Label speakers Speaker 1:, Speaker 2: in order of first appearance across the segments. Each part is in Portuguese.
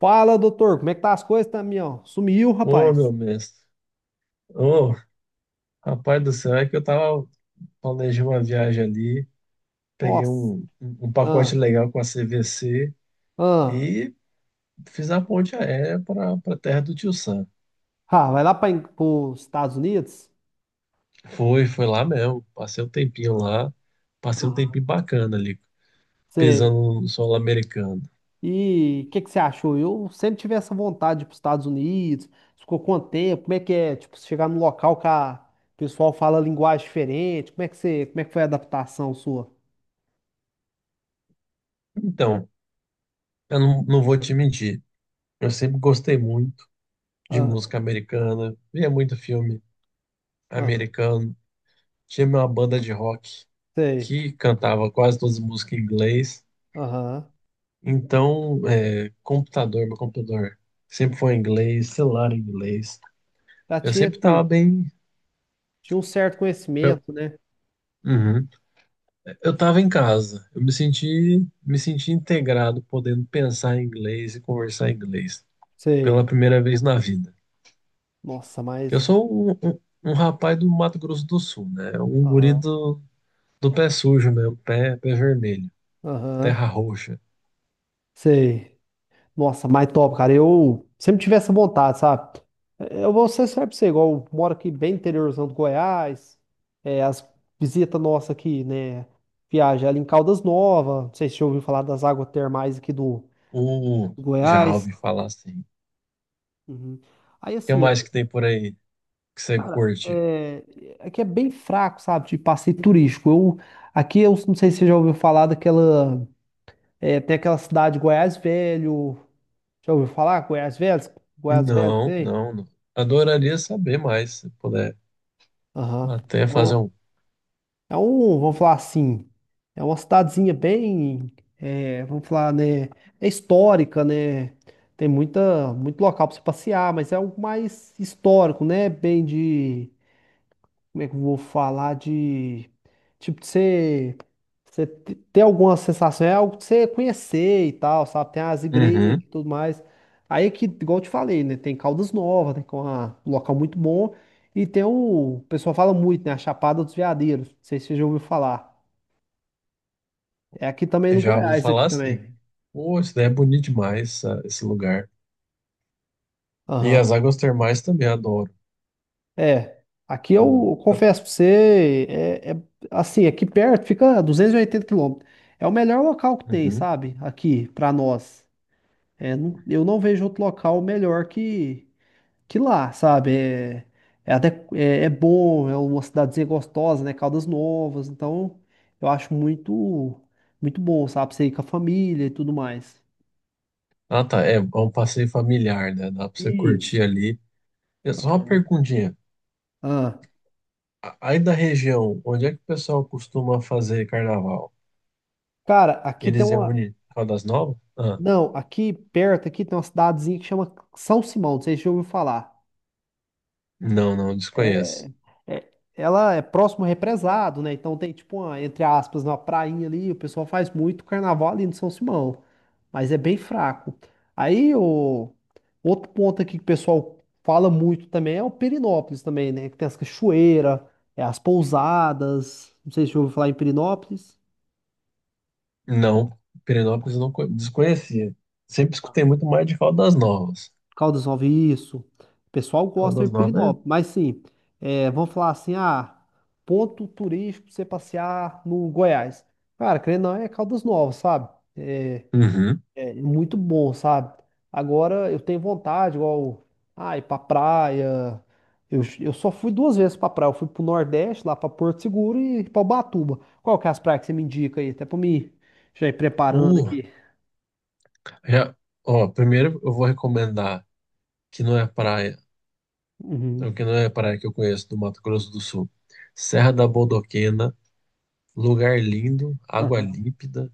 Speaker 1: Fala, doutor, como é que tá as coisas, Tamião? Sumiu,
Speaker 2: Ô, meu
Speaker 1: rapaz.
Speaker 2: mestre. Ô, rapaz do céu, é que eu tava planejei uma viagem ali, peguei
Speaker 1: Nossa.
Speaker 2: um
Speaker 1: Ah,
Speaker 2: pacote legal com a CVC
Speaker 1: ah.
Speaker 2: e fiz a ponte aérea para terra do Tio Sam.
Speaker 1: Ah, vai lá para os Estados Unidos?
Speaker 2: Foi, foi lá mesmo. Passei um tempinho lá, passei um
Speaker 1: Ah,
Speaker 2: tempinho bacana ali,
Speaker 1: sei.
Speaker 2: pisando no solo americano.
Speaker 1: E o que que você achou? Eu sempre tive essa vontade de ir para os Estados Unidos. Ficou quanto tempo? Como é que é? Tipo, você chegar num local que o pessoal fala linguagem diferente. Como é que como é que foi a adaptação sua?
Speaker 2: Então, eu não vou te mentir, eu sempre gostei muito de
Speaker 1: Ah,
Speaker 2: música americana, via muito filme
Speaker 1: ah,
Speaker 2: americano. Tinha uma banda de rock
Speaker 1: sei.
Speaker 2: que cantava quase todas as músicas em inglês.
Speaker 1: Aham.
Speaker 2: Então, é, computador, meu computador sempre foi em inglês, celular em inglês.
Speaker 1: Já
Speaker 2: Eu
Speaker 1: tinha,
Speaker 2: sempre tava bem.
Speaker 1: tinha um certo
Speaker 2: Eu,
Speaker 1: conhecimento, né?
Speaker 2: uhum. Eu tava em casa. Eu me senti integrado, podendo pensar em inglês e conversar em inglês pela
Speaker 1: Sei.
Speaker 2: primeira vez na vida.
Speaker 1: Nossa,
Speaker 2: Eu
Speaker 1: mas.
Speaker 2: sou um rapaz do Mato Grosso do Sul, né? Um guri
Speaker 1: Aham.
Speaker 2: do pé sujo mesmo, pé vermelho,
Speaker 1: Aham.
Speaker 2: terra roxa.
Speaker 1: Sei. Nossa, mais top, cara. Eu sempre tive essa vontade, sabe? Eu vou ser sério pra você, igual eu moro aqui bem interiorzão do Goiás. As visitas nossas aqui, né? Viagem ali em Caldas Novas. Não sei se você já ouviu falar das águas termais aqui
Speaker 2: Uh,
Speaker 1: do
Speaker 2: Já
Speaker 1: Goiás.
Speaker 2: ouvi falar assim.
Speaker 1: Uhum. Aí
Speaker 2: O que
Speaker 1: assim,
Speaker 2: mais que tem por aí que você
Speaker 1: cara,
Speaker 2: curte?
Speaker 1: aqui é bem fraco, sabe? De passeio turístico. Aqui eu não sei se você já ouviu falar daquela. Tem aquela cidade Goiás Velho. Já ouviu falar? Goiás Velho? Goiás Velho
Speaker 2: Não,
Speaker 1: tem?
Speaker 2: não, não. Adoraria saber mais, se puder.
Speaker 1: Aham.
Speaker 2: Até
Speaker 1: É
Speaker 2: fazer
Speaker 1: uma,
Speaker 2: um.
Speaker 1: vamos falar assim, é uma cidadezinha bem, vamos falar, né, é histórica, né? Tem muito local para você passear, mas é algo mais histórico, né? Bem de, como é que eu vou falar de tipo de ter alguma sensação, é algo que você conhecer e tal, sabe? Tem as igrejas
Speaker 2: Uhum.
Speaker 1: e tudo mais. Aí que, igual eu te falei, né? Tem Caldas Novas, né? Que é um local muito bom. E tem o pessoal fala muito, né? A Chapada dos Veadeiros. Não sei se você já ouviu falar. É aqui também no
Speaker 2: Já ouvi
Speaker 1: Goiás, aqui
Speaker 2: falar
Speaker 1: também.
Speaker 2: assim. Pô, isso daí é bonito demais, esse lugar. E
Speaker 1: Aham.
Speaker 2: as águas termais também adoro.
Speaker 1: É. Aqui
Speaker 2: O...
Speaker 1: eu confesso
Speaker 2: a-
Speaker 1: pra você, assim, aqui perto fica 280 km. É o melhor local que tem,
Speaker 2: Uhum.
Speaker 1: sabe? Aqui, pra nós. Eu não vejo outro local melhor que lá, sabe? É até é bom, é uma cidadezinha gostosa, né? Caldas Novas, então eu acho muito bom, sabe? Você ir com a família e tudo mais.
Speaker 2: Ah, tá. É, é um passeio familiar, né? Dá pra você
Speaker 1: Isso.
Speaker 2: curtir ali. É só uma perguntinha.
Speaker 1: Ah,
Speaker 2: Aí da região, onde é que o pessoal costuma fazer carnaval?
Speaker 1: cara,
Speaker 2: Eles reúnem Caldas Novas? Ah,
Speaker 1: não, aqui perto aqui tem uma cidadezinha que chama São Simão, não sei se você já ouviu falar.
Speaker 2: não, não, desconheço.
Speaker 1: É, é- ela é próximo ao represado, né? Então tem tipo uma, entre aspas, uma prainha ali, o pessoal faz muito carnaval ali no São Simão, mas é bem fraco. Aí o outro ponto aqui que o pessoal fala muito também é o Perinópolis também, né? Que tem as cachoeiras, as pousadas, não sei se você já ouviu falar em Perinópolis.
Speaker 2: Não, Pirenópolis eu não desconhecia. Sempre escutei muito mais de Caldas Novas.
Speaker 1: Caldas Novas, isso. O pessoal gosta
Speaker 2: Caldas
Speaker 1: de
Speaker 2: Novas
Speaker 1: Pirinópolis, mas sim, vamos falar assim, ah, ponto turístico pra você passear no Goiás. Cara, querendo ou não, é Caldas Novas, sabe? É,
Speaker 2: é. Uhum.
Speaker 1: é muito bom, sabe? Agora eu tenho vontade, igual, ah, ir pra praia. Eu só fui duas vezes pra praia. Eu fui pro Nordeste, lá pra Porto Seguro e pra Ubatuba. Qual que é as praias que você me indica aí? Até pra mim já ir preparando
Speaker 2: Uh,
Speaker 1: aqui.
Speaker 2: Já, ó, primeiro eu vou recomendar que não é praia,
Speaker 1: Uhum.
Speaker 2: que não é praia que eu conheço do Mato Grosso do Sul. Serra da Bodoquena, lugar lindo, água
Speaker 1: Aham.
Speaker 2: límpida,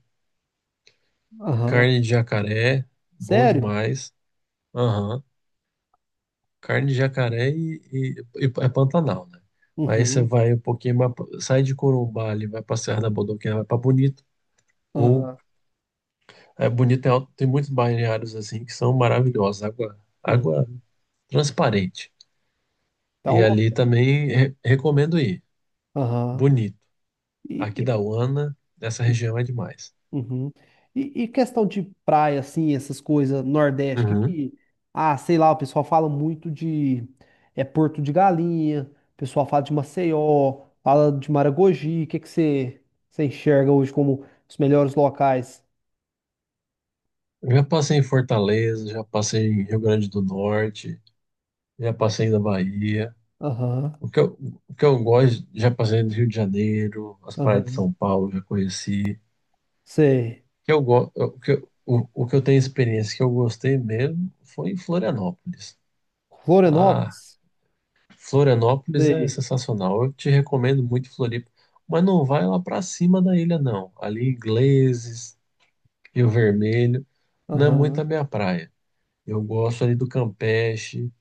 Speaker 1: Aham.
Speaker 2: carne de jacaré, bom
Speaker 1: Sério?
Speaker 2: demais. Aham. Carne de jacaré e é Pantanal, né? Aí você
Speaker 1: Uhum.
Speaker 2: vai um pouquinho, mais sai de Corumbá ali, vai pra Serra da Bodoquena, vai pra Bonito. Ou
Speaker 1: Aham.
Speaker 2: é, Bonito tem, tem muitos balneários assim que são maravilhosos, água
Speaker 1: Uhum.
Speaker 2: transparente.
Speaker 1: Então,
Speaker 2: E
Speaker 1: lo-
Speaker 2: ali também recomendo ir.
Speaker 1: aham.
Speaker 2: Bonito.
Speaker 1: E,
Speaker 2: Aqui
Speaker 1: e,
Speaker 2: da Uana, essa
Speaker 1: uhum.
Speaker 2: região é demais.
Speaker 1: Uhum. Questão de praia, assim, essas coisas, Nordeste,
Speaker 2: Uhum.
Speaker 1: ah, sei lá, o pessoal fala muito de é Porto de Galinha, o pessoal fala de Maceió, fala de Maragogi, o que que você enxerga hoje como os melhores locais?
Speaker 2: Eu já passei em Fortaleza, já passei em Rio Grande do Norte, já passei na Bahia.
Speaker 1: Aham,
Speaker 2: O que eu, o que eu gosto, já passei do Rio de Janeiro, as praias de
Speaker 1: aham.
Speaker 2: São Paulo, já conheci.
Speaker 1: Sei.
Speaker 2: O Que eu, go- o que eu tenho experiência que eu gostei mesmo foi em Florianópolis. Ah,
Speaker 1: Florianópolis?
Speaker 2: Florianópolis é
Speaker 1: Sei.
Speaker 2: sensacional. Eu te recomendo muito Floripa, mas não vai lá para cima da ilha, não. Ali, Ingleses, Rio Vermelho, não é muito
Speaker 1: Aham.
Speaker 2: a minha praia. Eu gosto ali do Campeche,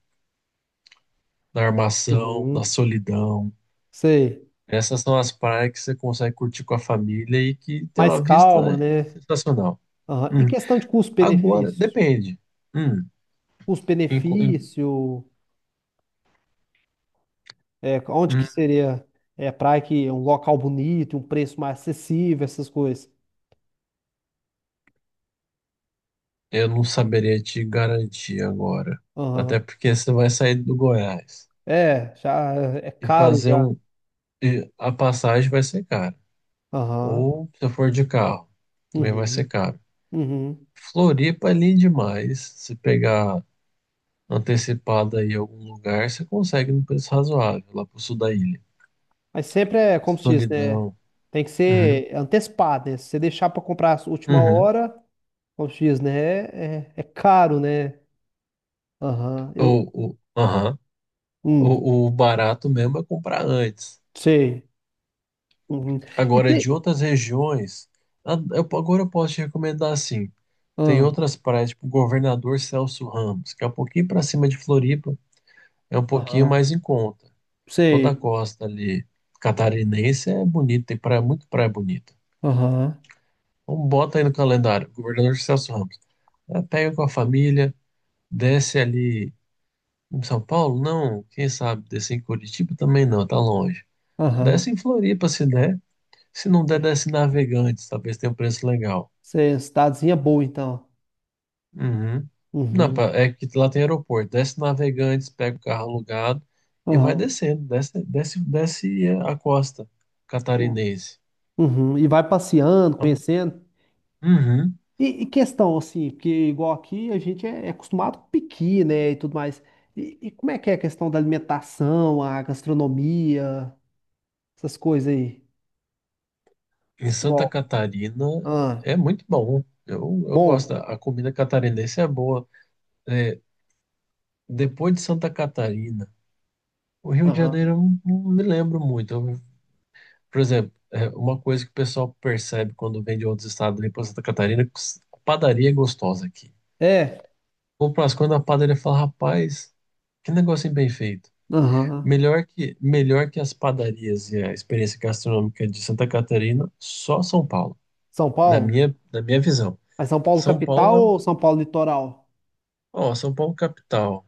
Speaker 2: da Armação, da
Speaker 1: Uhum.
Speaker 2: Solidão.
Speaker 1: Sei.
Speaker 2: Essas são as praias que você consegue curtir com a família e que tem
Speaker 1: Mais
Speaker 2: uma vista
Speaker 1: calma, né?
Speaker 2: sensacional.
Speaker 1: Aham. E
Speaker 2: Hum.
Speaker 1: questão de
Speaker 2: Agora,
Speaker 1: custo-benefício?
Speaker 2: depende. Hum. Em co- em-
Speaker 1: Custo-benefício, onde que
Speaker 2: hum,
Speaker 1: seria praia que é um local bonito, um preço mais acessível, essas coisas.
Speaker 2: Eu não saberia te garantir agora. Até
Speaker 1: Aham.
Speaker 2: porque você vai sair do Goiás
Speaker 1: É, já é
Speaker 2: e
Speaker 1: caro
Speaker 2: fazer
Speaker 1: já.
Speaker 2: um. E a passagem vai ser cara.
Speaker 1: Aham.
Speaker 2: Ou se for de carro, também vai ser
Speaker 1: Uhum.
Speaker 2: caro.
Speaker 1: Uhum.
Speaker 2: Floripa é lindo demais. Se pegar antecipado aí algum lugar, você consegue num preço razoável, lá pro sul da ilha.
Speaker 1: Mas sempre é, como se diz, né?
Speaker 2: Solidão.
Speaker 1: Tem que
Speaker 2: Uhum.
Speaker 1: ser antecipado, né? Se você deixar para comprar a última
Speaker 2: Uhum.
Speaker 1: hora, como se diz, né? É, é caro, né? Aham. Eu.
Speaker 2: Aham.
Speaker 1: Hum,
Speaker 2: O barato mesmo é comprar antes.
Speaker 1: sei. Uhum. E
Speaker 2: Agora,
Speaker 1: tem.
Speaker 2: de outras regiões, agora eu posso te recomendar assim. Tem
Speaker 1: Ah,
Speaker 2: outras praias, tipo Governador Celso Ramos, que é um pouquinho para cima de Floripa, é um pouquinho
Speaker 1: aham.
Speaker 2: mais em conta. Toda a
Speaker 1: Sei.
Speaker 2: costa ali catarinense é bonita, tem praia, muito praia bonita.
Speaker 1: Aham.
Speaker 2: Então bota aí no calendário, Governador Celso Ramos. É, pega com a família, desce ali em São Paulo? Não, quem sabe, descer em Curitiba também não, tá longe. Desce
Speaker 1: Aham.
Speaker 2: em Floripa se der. Se não der, desce em Navegantes. Talvez tenha um preço legal.
Speaker 1: Você, cidadezinha boa, então.
Speaker 2: Uhum. Não,
Speaker 1: Uhum.
Speaker 2: é que lá tem aeroporto. Desce em Navegantes, pega o carro alugado e vai
Speaker 1: Aham.
Speaker 2: descendo. Desce, desce, desce a costa catarinense.
Speaker 1: Uhum. E vai passeando,
Speaker 2: Então,
Speaker 1: conhecendo.
Speaker 2: uhum.
Speaker 1: Questão, assim, porque igual aqui a gente é acostumado com piqui, né, e tudo mais. Como é que é a questão da alimentação, a gastronomia, essas coisas aí?
Speaker 2: Em Santa
Speaker 1: Igual.
Speaker 2: Catarina
Speaker 1: Ah,
Speaker 2: é muito bom. Eu gosto.
Speaker 1: bom.
Speaker 2: A comida catarinense é boa. É, depois de Santa Catarina, o Rio de
Speaker 1: Aham.
Speaker 2: Janeiro eu não me lembro muito. Eu Por exemplo, é, uma coisa que o pessoal percebe quando vem de outros estados ali para Santa Catarina, que a padaria é gostosa aqui.
Speaker 1: É.
Speaker 2: Ou para as quando a padaria fala, rapaz, que negocinho bem feito.
Speaker 1: Aham.
Speaker 2: Melhor que as padarias e a experiência gastronômica de Santa Catarina, só São Paulo,
Speaker 1: São
Speaker 2: na
Speaker 1: Paulo?
Speaker 2: minha, na minha visão.
Speaker 1: Mas São Paulo
Speaker 2: São
Speaker 1: capital
Speaker 2: Paulo,
Speaker 1: ou São Paulo litoral?
Speaker 2: ó, São Paulo é capital,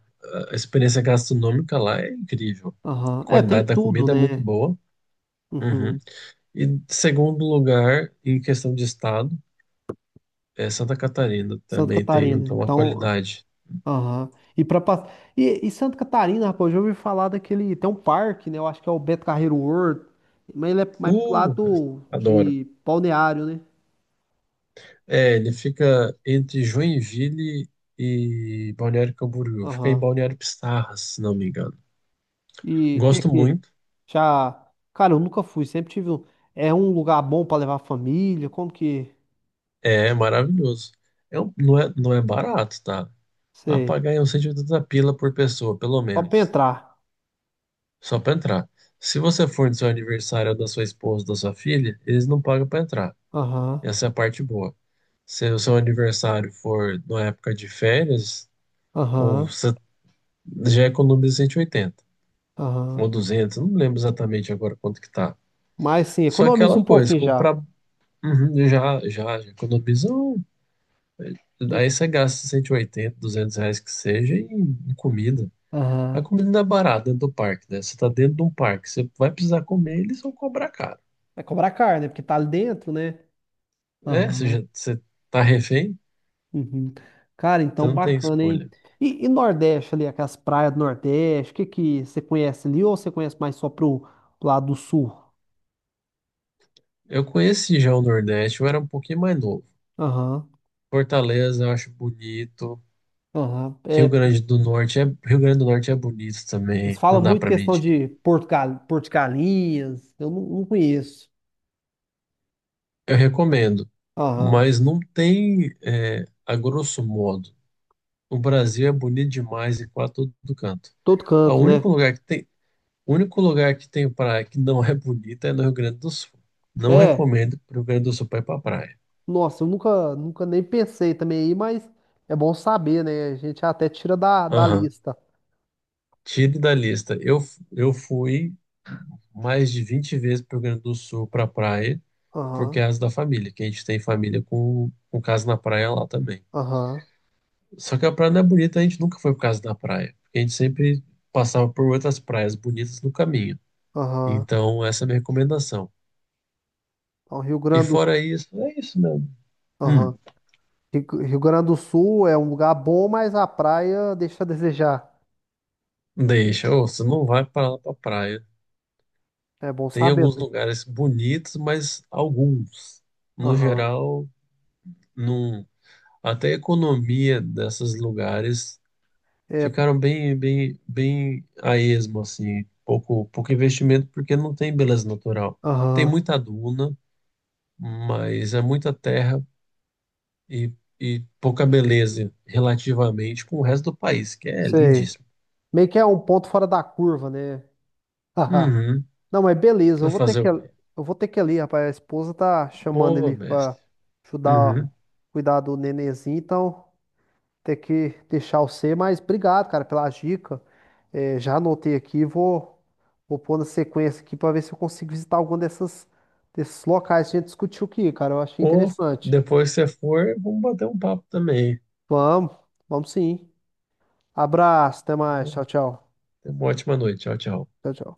Speaker 2: a experiência gastronômica lá é incrível.
Speaker 1: Aham.
Speaker 2: A
Speaker 1: É, tem
Speaker 2: qualidade da
Speaker 1: tudo,
Speaker 2: comida é muito
Speaker 1: né?
Speaker 2: boa. Uhum.
Speaker 1: Uhum.
Speaker 2: E segundo lugar, em questão de estado, é, Santa Catarina
Speaker 1: Santa
Speaker 2: também tem
Speaker 1: Catarina.
Speaker 2: então, uma
Speaker 1: Então,
Speaker 2: qualidade.
Speaker 1: aham. E para passar. Santa Catarina, rapaz, eu já ouvi falar daquele. Tem um parque, né? Eu acho que é o Beto Carreiro World. Mas ele é mais pro
Speaker 2: Uh,
Speaker 1: lado
Speaker 2: Adoro.
Speaker 1: de Balneário, né?
Speaker 2: É, ele fica entre Joinville e Balneário Camboriú. Fica em
Speaker 1: Aham.
Speaker 2: Balneário Pissarras, se não me engano.
Speaker 1: E
Speaker 2: Gosto
Speaker 1: que
Speaker 2: muito.
Speaker 1: já, cara, eu nunca fui, sempre tive um, é um lugar bom pra levar a família, como que,
Speaker 2: É maravilhoso. Não é barato, tá? Vai
Speaker 1: sei,
Speaker 2: pagar aí uns 180 pila por pessoa, pelo
Speaker 1: só pra
Speaker 2: menos.
Speaker 1: entrar.
Speaker 2: Só pra entrar. Se você for no seu aniversário ou da sua esposa, da sua filha, eles não pagam pra entrar.
Speaker 1: Aham,
Speaker 2: Essa é a parte boa. Se o seu aniversário for na época de férias, ou
Speaker 1: aham,
Speaker 2: você já economiza 180
Speaker 1: aham.
Speaker 2: ou 200, não lembro exatamente agora quanto que tá.
Speaker 1: Mas sim,
Speaker 2: Só
Speaker 1: economiza
Speaker 2: aquela
Speaker 1: um
Speaker 2: coisa,
Speaker 1: pouquinho já.
Speaker 2: comprar uhum, já, já, já economiza. Aí você gasta 180, R$ 200 que seja em, em comida. A
Speaker 1: Aham.
Speaker 2: comida não é barata dentro do parque, né? Você tá dentro de um parque, você vai precisar comer, eles vão cobrar caro.
Speaker 1: Vai cobrar caro, né? Porque tá ali dentro, né?
Speaker 2: É,
Speaker 1: Aham.
Speaker 2: você tá refém,
Speaker 1: Uhum. Cara,
Speaker 2: você
Speaker 1: então
Speaker 2: não tem
Speaker 1: bacana, hein?
Speaker 2: escolha.
Speaker 1: Nordeste ali, aquelas praias do Nordeste, o que que você conhece ali ou você conhece mais só pro pro lado do Sul?
Speaker 2: Eu conheci já o Nordeste, eu era um pouquinho mais novo.
Speaker 1: Aham,
Speaker 2: Fortaleza eu acho bonito,
Speaker 1: aham.
Speaker 2: Rio
Speaker 1: É,
Speaker 2: Grande do Norte é, Rio Grande do Norte é bonito
Speaker 1: eles
Speaker 2: também, não
Speaker 1: falam
Speaker 2: dá
Speaker 1: muito
Speaker 2: para
Speaker 1: questão
Speaker 2: mentir.
Speaker 1: de Porto Galinhas, eu não, não conheço.
Speaker 2: Eu recomendo,
Speaker 1: Aham,
Speaker 2: mas não tem, é, a grosso modo. O Brasil é bonito demais e quase todo canto.
Speaker 1: todo
Speaker 2: O
Speaker 1: canto,
Speaker 2: único
Speaker 1: né?
Speaker 2: lugar que tem, o único lugar que tem praia que não é bonita é no Rio Grande do Sul. Não
Speaker 1: É,
Speaker 2: recomendo pro Rio Grande do Sul para ir para praia.
Speaker 1: nossa, eu nunca nem pensei também aí, mas é bom saber, né? A gente até tira da
Speaker 2: Aham.
Speaker 1: lista.
Speaker 2: Tire da lista. Eu fui mais de 20 vezes para o Rio Grande do Sul para praia por
Speaker 1: Aham,
Speaker 2: causa da família, que a gente tem família com casa na praia lá também.
Speaker 1: aham,
Speaker 2: Só que a praia não é bonita, a gente nunca foi por causa da praia, porque a gente sempre passava por outras praias bonitas no caminho.
Speaker 1: aham.
Speaker 2: Então, essa é a minha recomendação.
Speaker 1: Então, Rio
Speaker 2: E
Speaker 1: Grande do
Speaker 2: fora isso, é isso mesmo. Hum,
Speaker 1: Sul. Rio Grande do Sul é um lugar bom, mas a praia deixa a desejar.
Speaker 2: Deixa, ô, você não vai para lá pra praia.
Speaker 1: É bom
Speaker 2: Tem
Speaker 1: saber.
Speaker 2: alguns lugares bonitos, mas alguns. No
Speaker 1: Aham.
Speaker 2: geral, não. Até a economia desses lugares
Speaker 1: É,
Speaker 2: ficaram bem, bem, bem a esmo, assim, pouco, pouco investimento porque não tem beleza natural. Tem
Speaker 1: aham.
Speaker 2: muita duna, mas é muita terra e, e pouca beleza relativamente com o resto do país, que é
Speaker 1: Sei.
Speaker 2: lindíssimo.
Speaker 1: Meio que é um ponto fora da curva, né? Haha.
Speaker 2: Uhum.
Speaker 1: Não, mas beleza,
Speaker 2: Vai
Speaker 1: eu vou ter
Speaker 2: fazer
Speaker 1: que,
Speaker 2: o
Speaker 1: eu
Speaker 2: quê?
Speaker 1: vou ter que ir ali, rapaz. A esposa tá chamando
Speaker 2: Boa,
Speaker 1: ele pra
Speaker 2: mestre.
Speaker 1: ajudar, ó,
Speaker 2: Uhum.
Speaker 1: cuidar do nenenzinho, então. Ter que deixar o C, mas obrigado, cara, pela dica. É, já anotei aqui, e vou pôr na sequência aqui para ver se eu consigo visitar algum dessas, desses locais que a gente discutiu aqui, cara. Eu achei
Speaker 2: Ou
Speaker 1: interessante.
Speaker 2: depois que você for, vamos bater um papo também.
Speaker 1: Vamos, vamos sim. Abraço, até mais. Tchau, tchau.
Speaker 2: Tenha uma ótima noite. Tchau, tchau.
Speaker 1: Tchau, tchau.